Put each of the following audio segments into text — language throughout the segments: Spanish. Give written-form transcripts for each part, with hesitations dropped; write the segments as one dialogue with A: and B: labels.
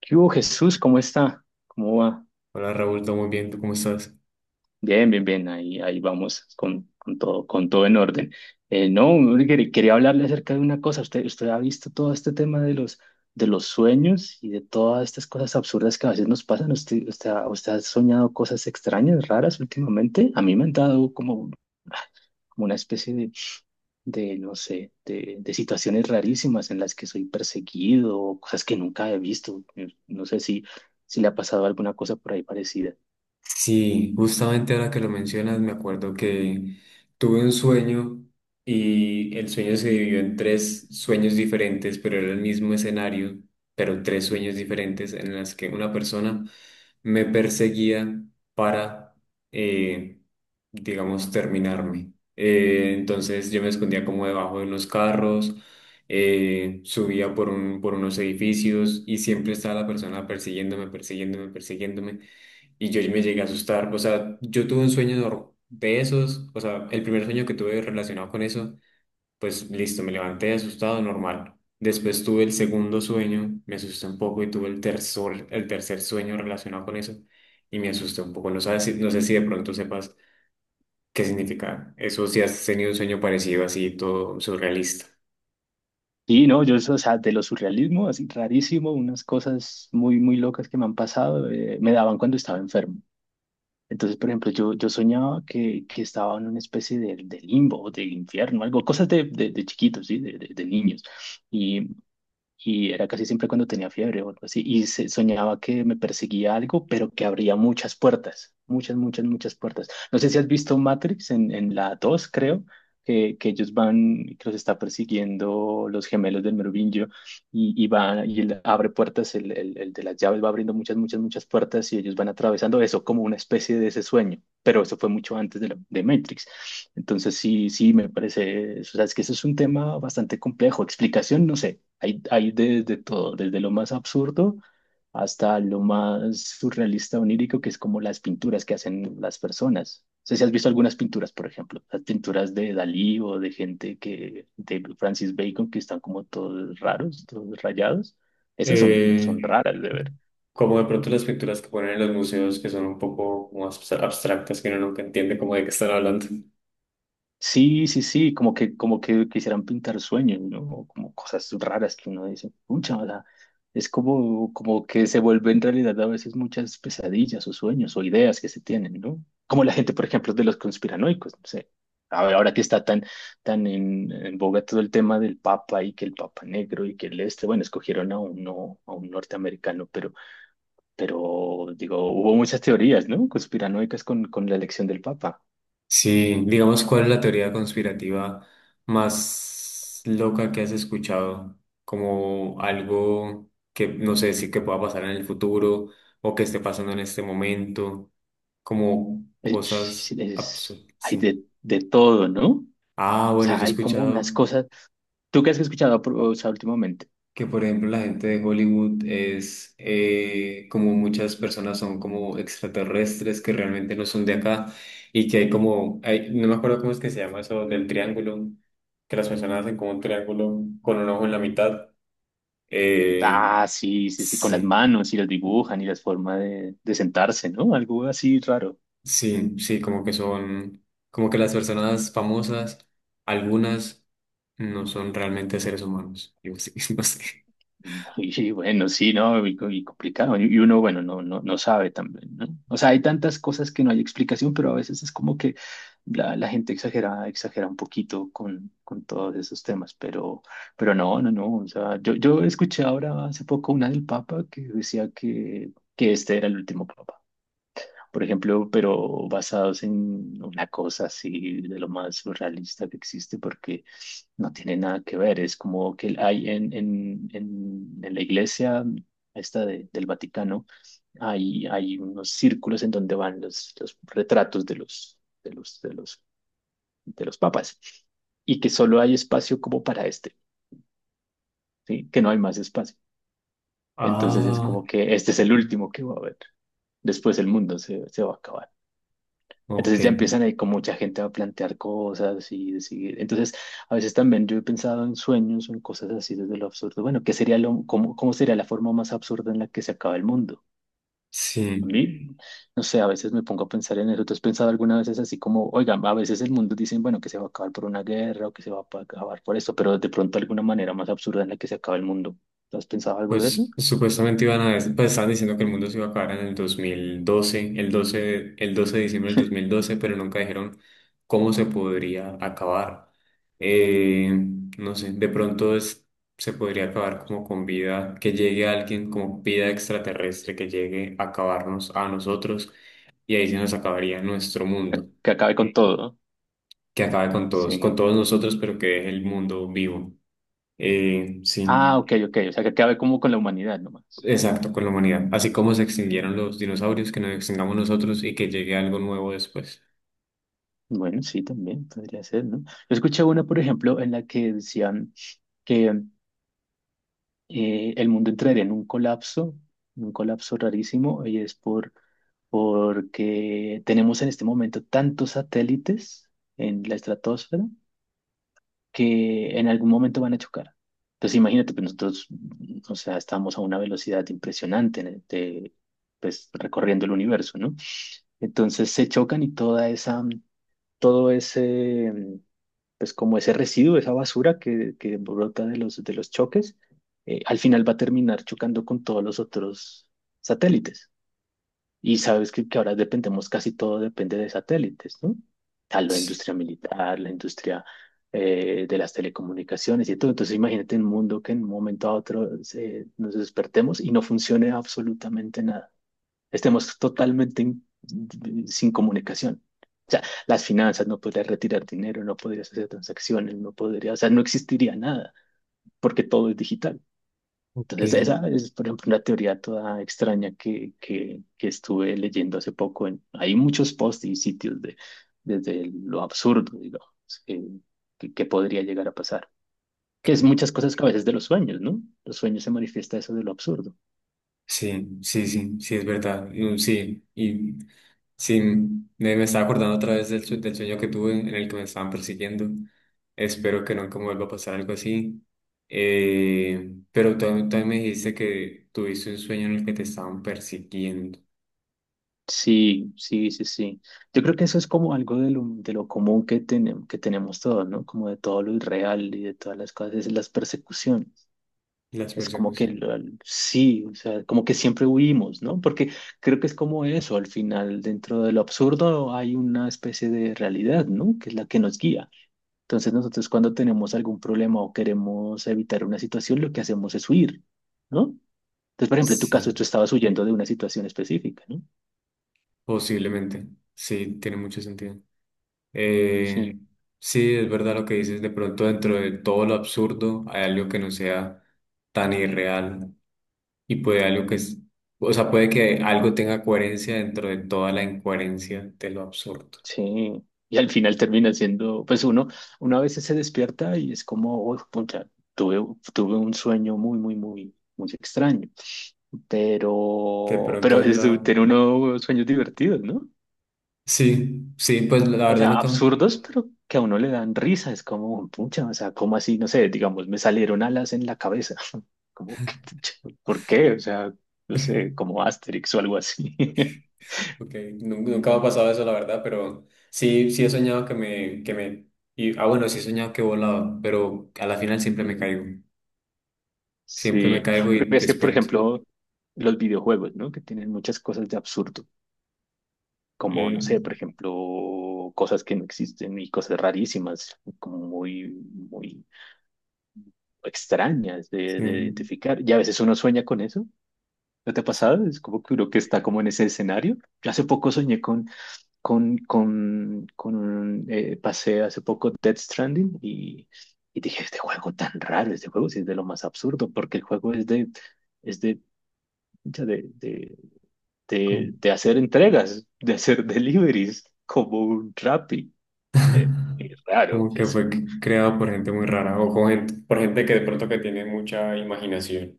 A: ¿Qué hubo, Jesús? ¿Cómo está? ¿Cómo va?
B: Hola Raúl, todo muy bien, ¿tú cómo estás?
A: Bien, bien, bien. Ahí vamos con todo, con todo en orden. No, hombre, quería hablarle acerca de una cosa. Usted ha visto todo este tema de de los sueños y de todas estas cosas absurdas que a veces nos pasan. Usted ha soñado cosas extrañas, raras últimamente? A mí me han dado como una especie no sé, de situaciones rarísimas en las que soy perseguido o cosas que nunca he visto. No sé si le ha pasado alguna cosa por ahí parecida.
B: Sí, justamente ahora que lo mencionas, me acuerdo que tuve un sueño y el sueño se dividió en tres sueños diferentes, pero era el mismo escenario, pero tres sueños diferentes en las que una persona me perseguía para, eh, digamos, terminarme. Entonces yo me escondía como debajo de unos carros, subía por unos edificios y siempre estaba la persona persiguiéndome, persiguiéndome, persiguiéndome. Y yo me llegué a asustar. O sea, yo tuve un sueño nor- de esos. O sea, el primer sueño que tuve relacionado con eso, pues listo, me levanté asustado, normal. Después tuve el segundo sueño, me asusté un poco y tuve el tercer sueño relacionado con eso y me asusté un poco. No sé si de pronto sepas qué significa eso, si has tenido un sueño parecido así, todo surrealista.
A: Sí, no, yo, o sea, de lo surrealismo, así rarísimo, unas cosas muy, muy locas que me han pasado, me daban cuando estaba enfermo. Entonces, por ejemplo, yo soñaba que estaba en una especie de limbo, de infierno, algo, cosas de chiquitos, ¿sí? De niños. Y, y era casi siempre cuando tenía fiebre o algo así, y soñaba que me perseguía algo, pero que abría muchas puertas, muchas, muchas, muchas puertas. No sé si has visto Matrix en la 2 creo, que ellos van, que los está persiguiendo los gemelos del Merovingio, y va, y él abre puertas, el de las llaves va abriendo muchas, muchas, muchas puertas, y ellos van atravesando eso como una especie de ese sueño. Pero eso fue mucho antes de Matrix. Entonces, sí, sí, me parece, o sea, es que eso es un tema bastante complejo. Explicación, no sé. Hay desde todo, desde lo más absurdo hasta lo más surrealista, onírico, que es como las pinturas que hacen las personas. No sé si has visto algunas pinturas, por ejemplo, las pinturas de Dalí o de gente que, de Francis Bacon, que están como todos raros, todos rayados. Esas son,
B: Eh,
A: son raras de ver.
B: Como de pronto las pinturas que ponen en los museos que son un poco como abstractas que uno nunca entiende como de qué están hablando.
A: Sí, sí, sí, como que quisieran pintar sueños, ¿no? O como cosas raras que uno dice, pucha, o sea, es como, como que se vuelven en realidad a veces muchas pesadillas o sueños o ideas que se tienen, ¿no? Como la gente, por ejemplo, de los conspiranoicos, no sé. A ver, ahora que está tan, tan en boga todo el tema del Papa y que el Papa negro y que el este, bueno, escogieron a uno, a un norteamericano, pero digo, hubo muchas teorías, ¿no? Conspiranoicas con la elección del Papa.
B: Sí, digamos, ¿cuál es la teoría conspirativa más loca que has escuchado? Como algo que no sé si que pueda pasar en el futuro o que esté pasando en este momento, como
A: Es,
B: cosas absurdas.
A: hay
B: Sí.
A: de todo, ¿no? O
B: Ah, bueno, yo
A: sea,
B: he
A: hay como unas
B: escuchado
A: cosas. ¿Tú qué has escuchado, o sea, últimamente?
B: que por ejemplo la gente de Hollywood es como muchas personas son como extraterrestres que realmente no son de acá y que hay como, no me acuerdo cómo es que se llama eso del triángulo, que las personas hacen como un triángulo con un ojo en la mitad. Eh,
A: Ah, sí, sí, sí, con las
B: sí,
A: manos y las dibujan y las formas de sentarse, ¿no? Algo así raro.
B: sí, sí, como que son, como que las personas famosas, algunas no son realmente seres humanos. Yo sí, no sé.
A: Y bueno, sí, ¿no? Y complicado. Y uno, bueno, no, no, no sabe también, ¿no? O sea, hay tantas cosas que no hay explicación, pero a veces es como que la gente exagera, exagera un poquito con todos esos temas, pero no, no, no. O sea, yo escuché ahora hace poco una del Papa que decía que este era el último Papa. Por ejemplo, pero basados en una cosa así de lo más surrealista que existe, porque no tiene nada que ver, es como que hay en la iglesia esta del Vaticano, hay unos círculos en donde van los retratos de de los, de los, de los papas y que solo hay espacio como para este, ¿sí? Que no hay más espacio. Entonces es
B: Ah,
A: como que este es el último que va a haber. Después el mundo se va a acabar.
B: ok,
A: Entonces ya empiezan ahí con mucha gente a plantear cosas y decir, entonces a veces también yo he pensado en sueños o en cosas así desde lo absurdo. Bueno, ¿qué sería lo, cómo, cómo sería la forma más absurda en la que se acaba el mundo? A
B: sí.
A: mí, no sé, a veces me pongo a pensar en eso. ¿Tú has pensado alguna vez así como, oigan, a veces el mundo dicen, bueno, que se va a acabar por una guerra o que se va a acabar por esto, pero de pronto alguna manera más absurda en la que se acaba el mundo? ¿Tú has pensado algo de eso?
B: Pues supuestamente iban a, pues estaban diciendo que el mundo se iba a acabar en el 2012, el 12, el 12 de diciembre del 2012, pero nunca dijeron cómo se podría acabar. Eh, no sé, de pronto se podría acabar como con vida, que llegue alguien como vida extraterrestre, que llegue a acabarnos a nosotros y ahí se nos acabaría nuestro mundo,
A: Que acabe con sí todo, ¿no?
B: que acabe con
A: Sí.
B: todos nosotros, pero que deje el mundo vivo. Sí.
A: Ah, ok, ok, o sea, que acabe como con la humanidad nomás.
B: Exacto, con la humanidad. Así como se extinguieron los dinosaurios, que nos extingamos nosotros y que llegue algo nuevo después.
A: Bueno, sí, también podría ser, ¿no? Yo escuché una, por ejemplo, en la que decían que el mundo entraría en un colapso rarísimo, y es por, porque tenemos en este momento tantos satélites en la estratosfera que en algún momento van a chocar. Entonces, imagínate, pues nosotros, o sea, estamos a una velocidad impresionante, pues recorriendo el universo, ¿no? Entonces se chocan y toda esa todo ese, pues como ese residuo, esa basura que brota de de los choques, al final va a terminar chocando con todos los otros satélites. Y sabes que ahora dependemos, casi todo depende de satélites, ¿no? A la
B: Tss,
A: industria militar, la industria de las telecomunicaciones y todo. Entonces imagínate un mundo que en un momento a otro nos despertemos y no funcione absolutamente nada estemos totalmente sin comunicación. O sea, las finanzas, no podrías retirar dinero, no podrías hacer transacciones, no podrías, o sea, no existiría nada, porque todo es digital.
B: ok,
A: Entonces, esa es, por ejemplo, una teoría toda extraña que estuve leyendo hace poco. En, hay muchos posts y sitios de, desde lo absurdo, digamos, que, que podría llegar a pasar. Que es
B: ok.
A: muchas cosas que a veces de los sueños, ¿no? Los sueños se manifiesta eso de lo absurdo.
B: Sí, sí, sí, sí, es verdad. Sí, y sí, me estaba acordando otra vez del sueño que tuve en el que me estaban persiguiendo. Espero que nunca me vuelva a pasar algo así. Pero tú también me dijiste que tuviste un sueño en el que te estaban persiguiendo.
A: Sí, sí, sí, sí. Yo creo que eso es como algo de lo común que, que tenemos todos, ¿no? Como de todo lo irreal y de todas las cosas, es las persecuciones.
B: Las
A: Es como que
B: persecuciones.
A: sí, o sea, como que siempre huimos, ¿no? Porque creo que es como eso, al final, dentro de lo absurdo hay una especie de realidad, ¿no? Que es la que nos guía. Entonces nosotros cuando tenemos algún problema o queremos evitar una situación, lo que hacemos es huir, ¿no? Entonces, por ejemplo, en tu caso,
B: Sí,
A: tú estabas huyendo de una situación específica, ¿no?
B: posiblemente. Sí, tiene mucho sentido. Eh, sí, es verdad lo que dices, de pronto dentro de todo lo absurdo hay algo que no sea tan irreal y puede algo que es, o sea, puede que algo tenga coherencia dentro de toda la incoherencia de lo absurdo.
A: Sí, y al final termina siendo, pues uno, uno a veces se despierta y es como, "Uy, pucha, tuve, tuve un sueño muy, muy, muy, muy extraño,
B: De pronto
A: pero a
B: es
A: veces
B: la...
A: tiene uno sueños divertidos, ¿no?
B: Sí, sí, pues la
A: O
B: verdad
A: sea,
B: nunca,
A: absurdos, pero que a uno le dan risa, es como, pucha, o sea, como así, no sé, digamos, me salieron alas en la cabeza, como, que, pucha, ¿por qué? O sea, no sé, como Asterix o algo así.
B: okay, nunca me ha pasado eso, la verdad, pero sí, sí he soñado y, ah, bueno, sí he soñado que he volado, pero a la final siempre me
A: Sí,
B: caigo
A: lo
B: y
A: que es que, por
B: despierto.
A: ejemplo, los videojuegos, ¿no? Que tienen muchas cosas de absurdo, como, no
B: Eh,
A: sé, por ejemplo, cosas que no existen y cosas rarísimas, como muy, muy extrañas
B: sí.
A: de identificar. Y a veces uno sueña con eso, ¿no te ha pasado? Es como que uno que está como en ese escenario. Yo hace poco soñé con un, pasé hace poco Death Stranding y dije, este juego tan raro, este juego sí es de lo más absurdo, porque el juego es de... Es de pucha, de hacer entregas, de hacer deliveries como un Rappi. Es raro
B: Como que
A: eso.
B: fue creado por gente muy rara o con por gente que de pronto que tiene mucha imaginación.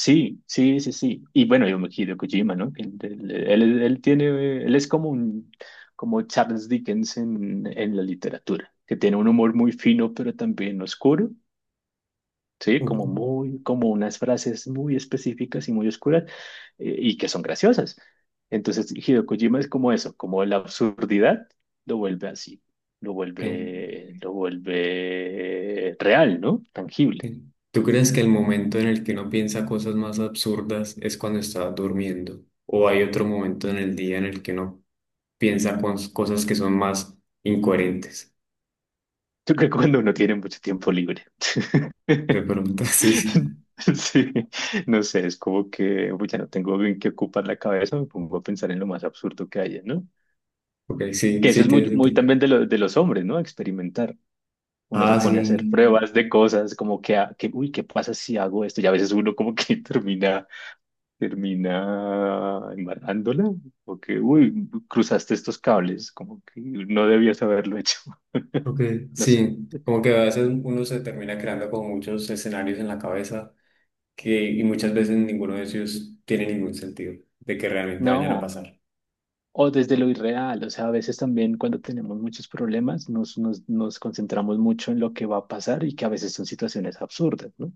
A: Sí, sí, sí, sí. Y bueno, yo me quiero Kojima, ¿no? Que él tiene, él es como un, como Charles Dickens en la literatura, que tiene un humor muy fino, pero también oscuro. Sí, como
B: Ujú.
A: muy, como unas frases muy específicas y muy oscuras y que son graciosas. Entonces, Hideo Kojima es como eso, como la absurdidad lo vuelve así,
B: ¿Qué?
A: lo vuelve real, ¿no? Tangible.
B: ¿Qué? ¿Tú crees que el momento en el que uno piensa cosas más absurdas es cuando está durmiendo? ¿O hay otro momento en el día en el que uno piensa cosas que son más incoherentes?
A: Yo creo que cuando uno tiene mucho tiempo libre.
B: De pronto, sí.
A: Sí, no sé, es como que uy, ya no tengo bien que ocupar la cabeza, me pongo a pensar en lo más absurdo que haya, ¿no?
B: Ok, sí,
A: Que eso
B: sí
A: es
B: tiene
A: muy, muy
B: sentido.
A: también de, de los hombres, ¿no? Experimentar. Uno se
B: Ah,
A: pone a hacer
B: sí.
A: pruebas de cosas, como que, que uy, ¿qué pasa si hago esto? Y a veces uno como que termina, termina embarrándola, o que, uy, cruzaste estos cables, como que no debías haberlo hecho.
B: Ok,
A: No sé.
B: sí. Como que a veces uno se termina creando con muchos escenarios en la cabeza que, y muchas veces ninguno de ellos tiene ningún sentido de que realmente vayan a
A: No,
B: pasar.
A: o desde lo irreal, o sea, a veces también cuando tenemos muchos problemas nos concentramos mucho en lo que va a pasar y que a veces son situaciones absurdas, ¿no?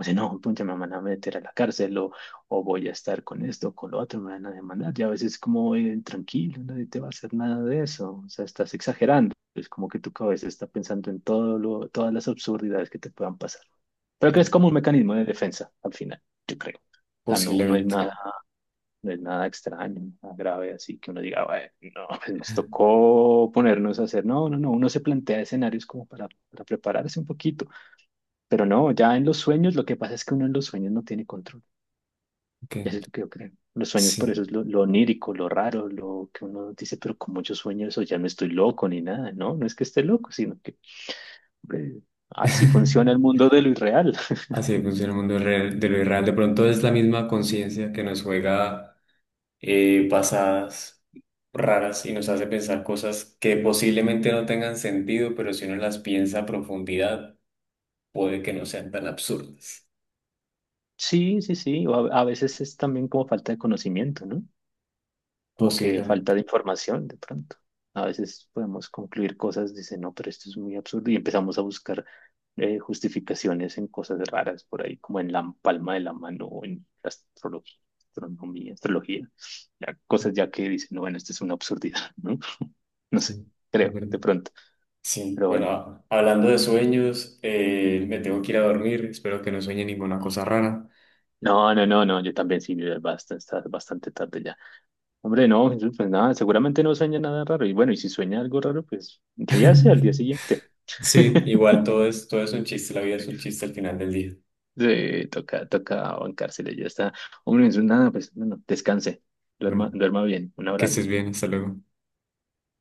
A: O sea, no, pucha, me van a meter a la cárcel o voy a estar con esto con lo otro, me van a demandar. Y a veces como, tranquilo, nadie te va a hacer nada de eso. O sea, estás exagerando. Es como que tu cabeza está pensando en todo lo, todas las absurdidades que te puedan pasar. Pero
B: Ok,
A: que es como un mecanismo de defensa, al final, yo creo. O sea, no,
B: posiblemente.
A: no es nada extraño, nada grave, así que uno diga, bueno, no, pues nos tocó ponernos a hacer. No, no, no, uno se plantea escenarios como para prepararse un poquito pero no, ya en los sueños, lo que pasa es que uno en los sueños no tiene control.
B: Ok,
A: Y eso es lo que yo creo. Los sueños, por eso
B: sí.
A: es lo onírico, lo raro, lo que uno dice, pero como yo sueño eso, ya no estoy loco ni nada, ¿no? No es que esté loco, sino que, hombre, así funciona el mundo de lo irreal.
B: Así funciona el mundo real, de lo irreal. De pronto es la misma conciencia que nos juega pasadas raras y nos hace pensar cosas que posiblemente no tengan sentido, pero si uno las piensa a profundidad, puede que no sean tan absurdas.
A: Sí, sí, sí. O a veces es también como falta de conocimiento, ¿no? Como que falta
B: Posiblemente.
A: de información de pronto. A veces podemos concluir cosas, dice, no, pero esto es muy absurdo y empezamos a buscar justificaciones en cosas raras por ahí, como en la palma de la mano o en la astrología, astronomía, astrología, ya,
B: Ok,
A: cosas ya que dicen, no, bueno, esto es una absurdidad, ¿no? No
B: sí,
A: sé,
B: es
A: creo,
B: verdad.
A: de pronto,
B: Sí,
A: pero
B: bueno,
A: bueno.
B: hablando de sueños, me tengo que ir a dormir, espero que no sueñe ninguna cosa rara.
A: No, no, no, no, yo también sí, ya bastante, está bastante tarde ya. Hombre, no, Jesús, pues nada, seguramente no sueña nada raro. Y bueno, y si sueña algo raro, pues ríase al día siguiente.
B: Sí, igual todo es un chiste, la vida es un chiste al final del día.
A: Sí, toca, toca bancarse, ya está. Hombre, Jesús, nada, pues bueno, descanse,
B: Bueno,
A: duerma, duerma bien, un
B: que
A: abrazo.
B: estés bien, hasta luego.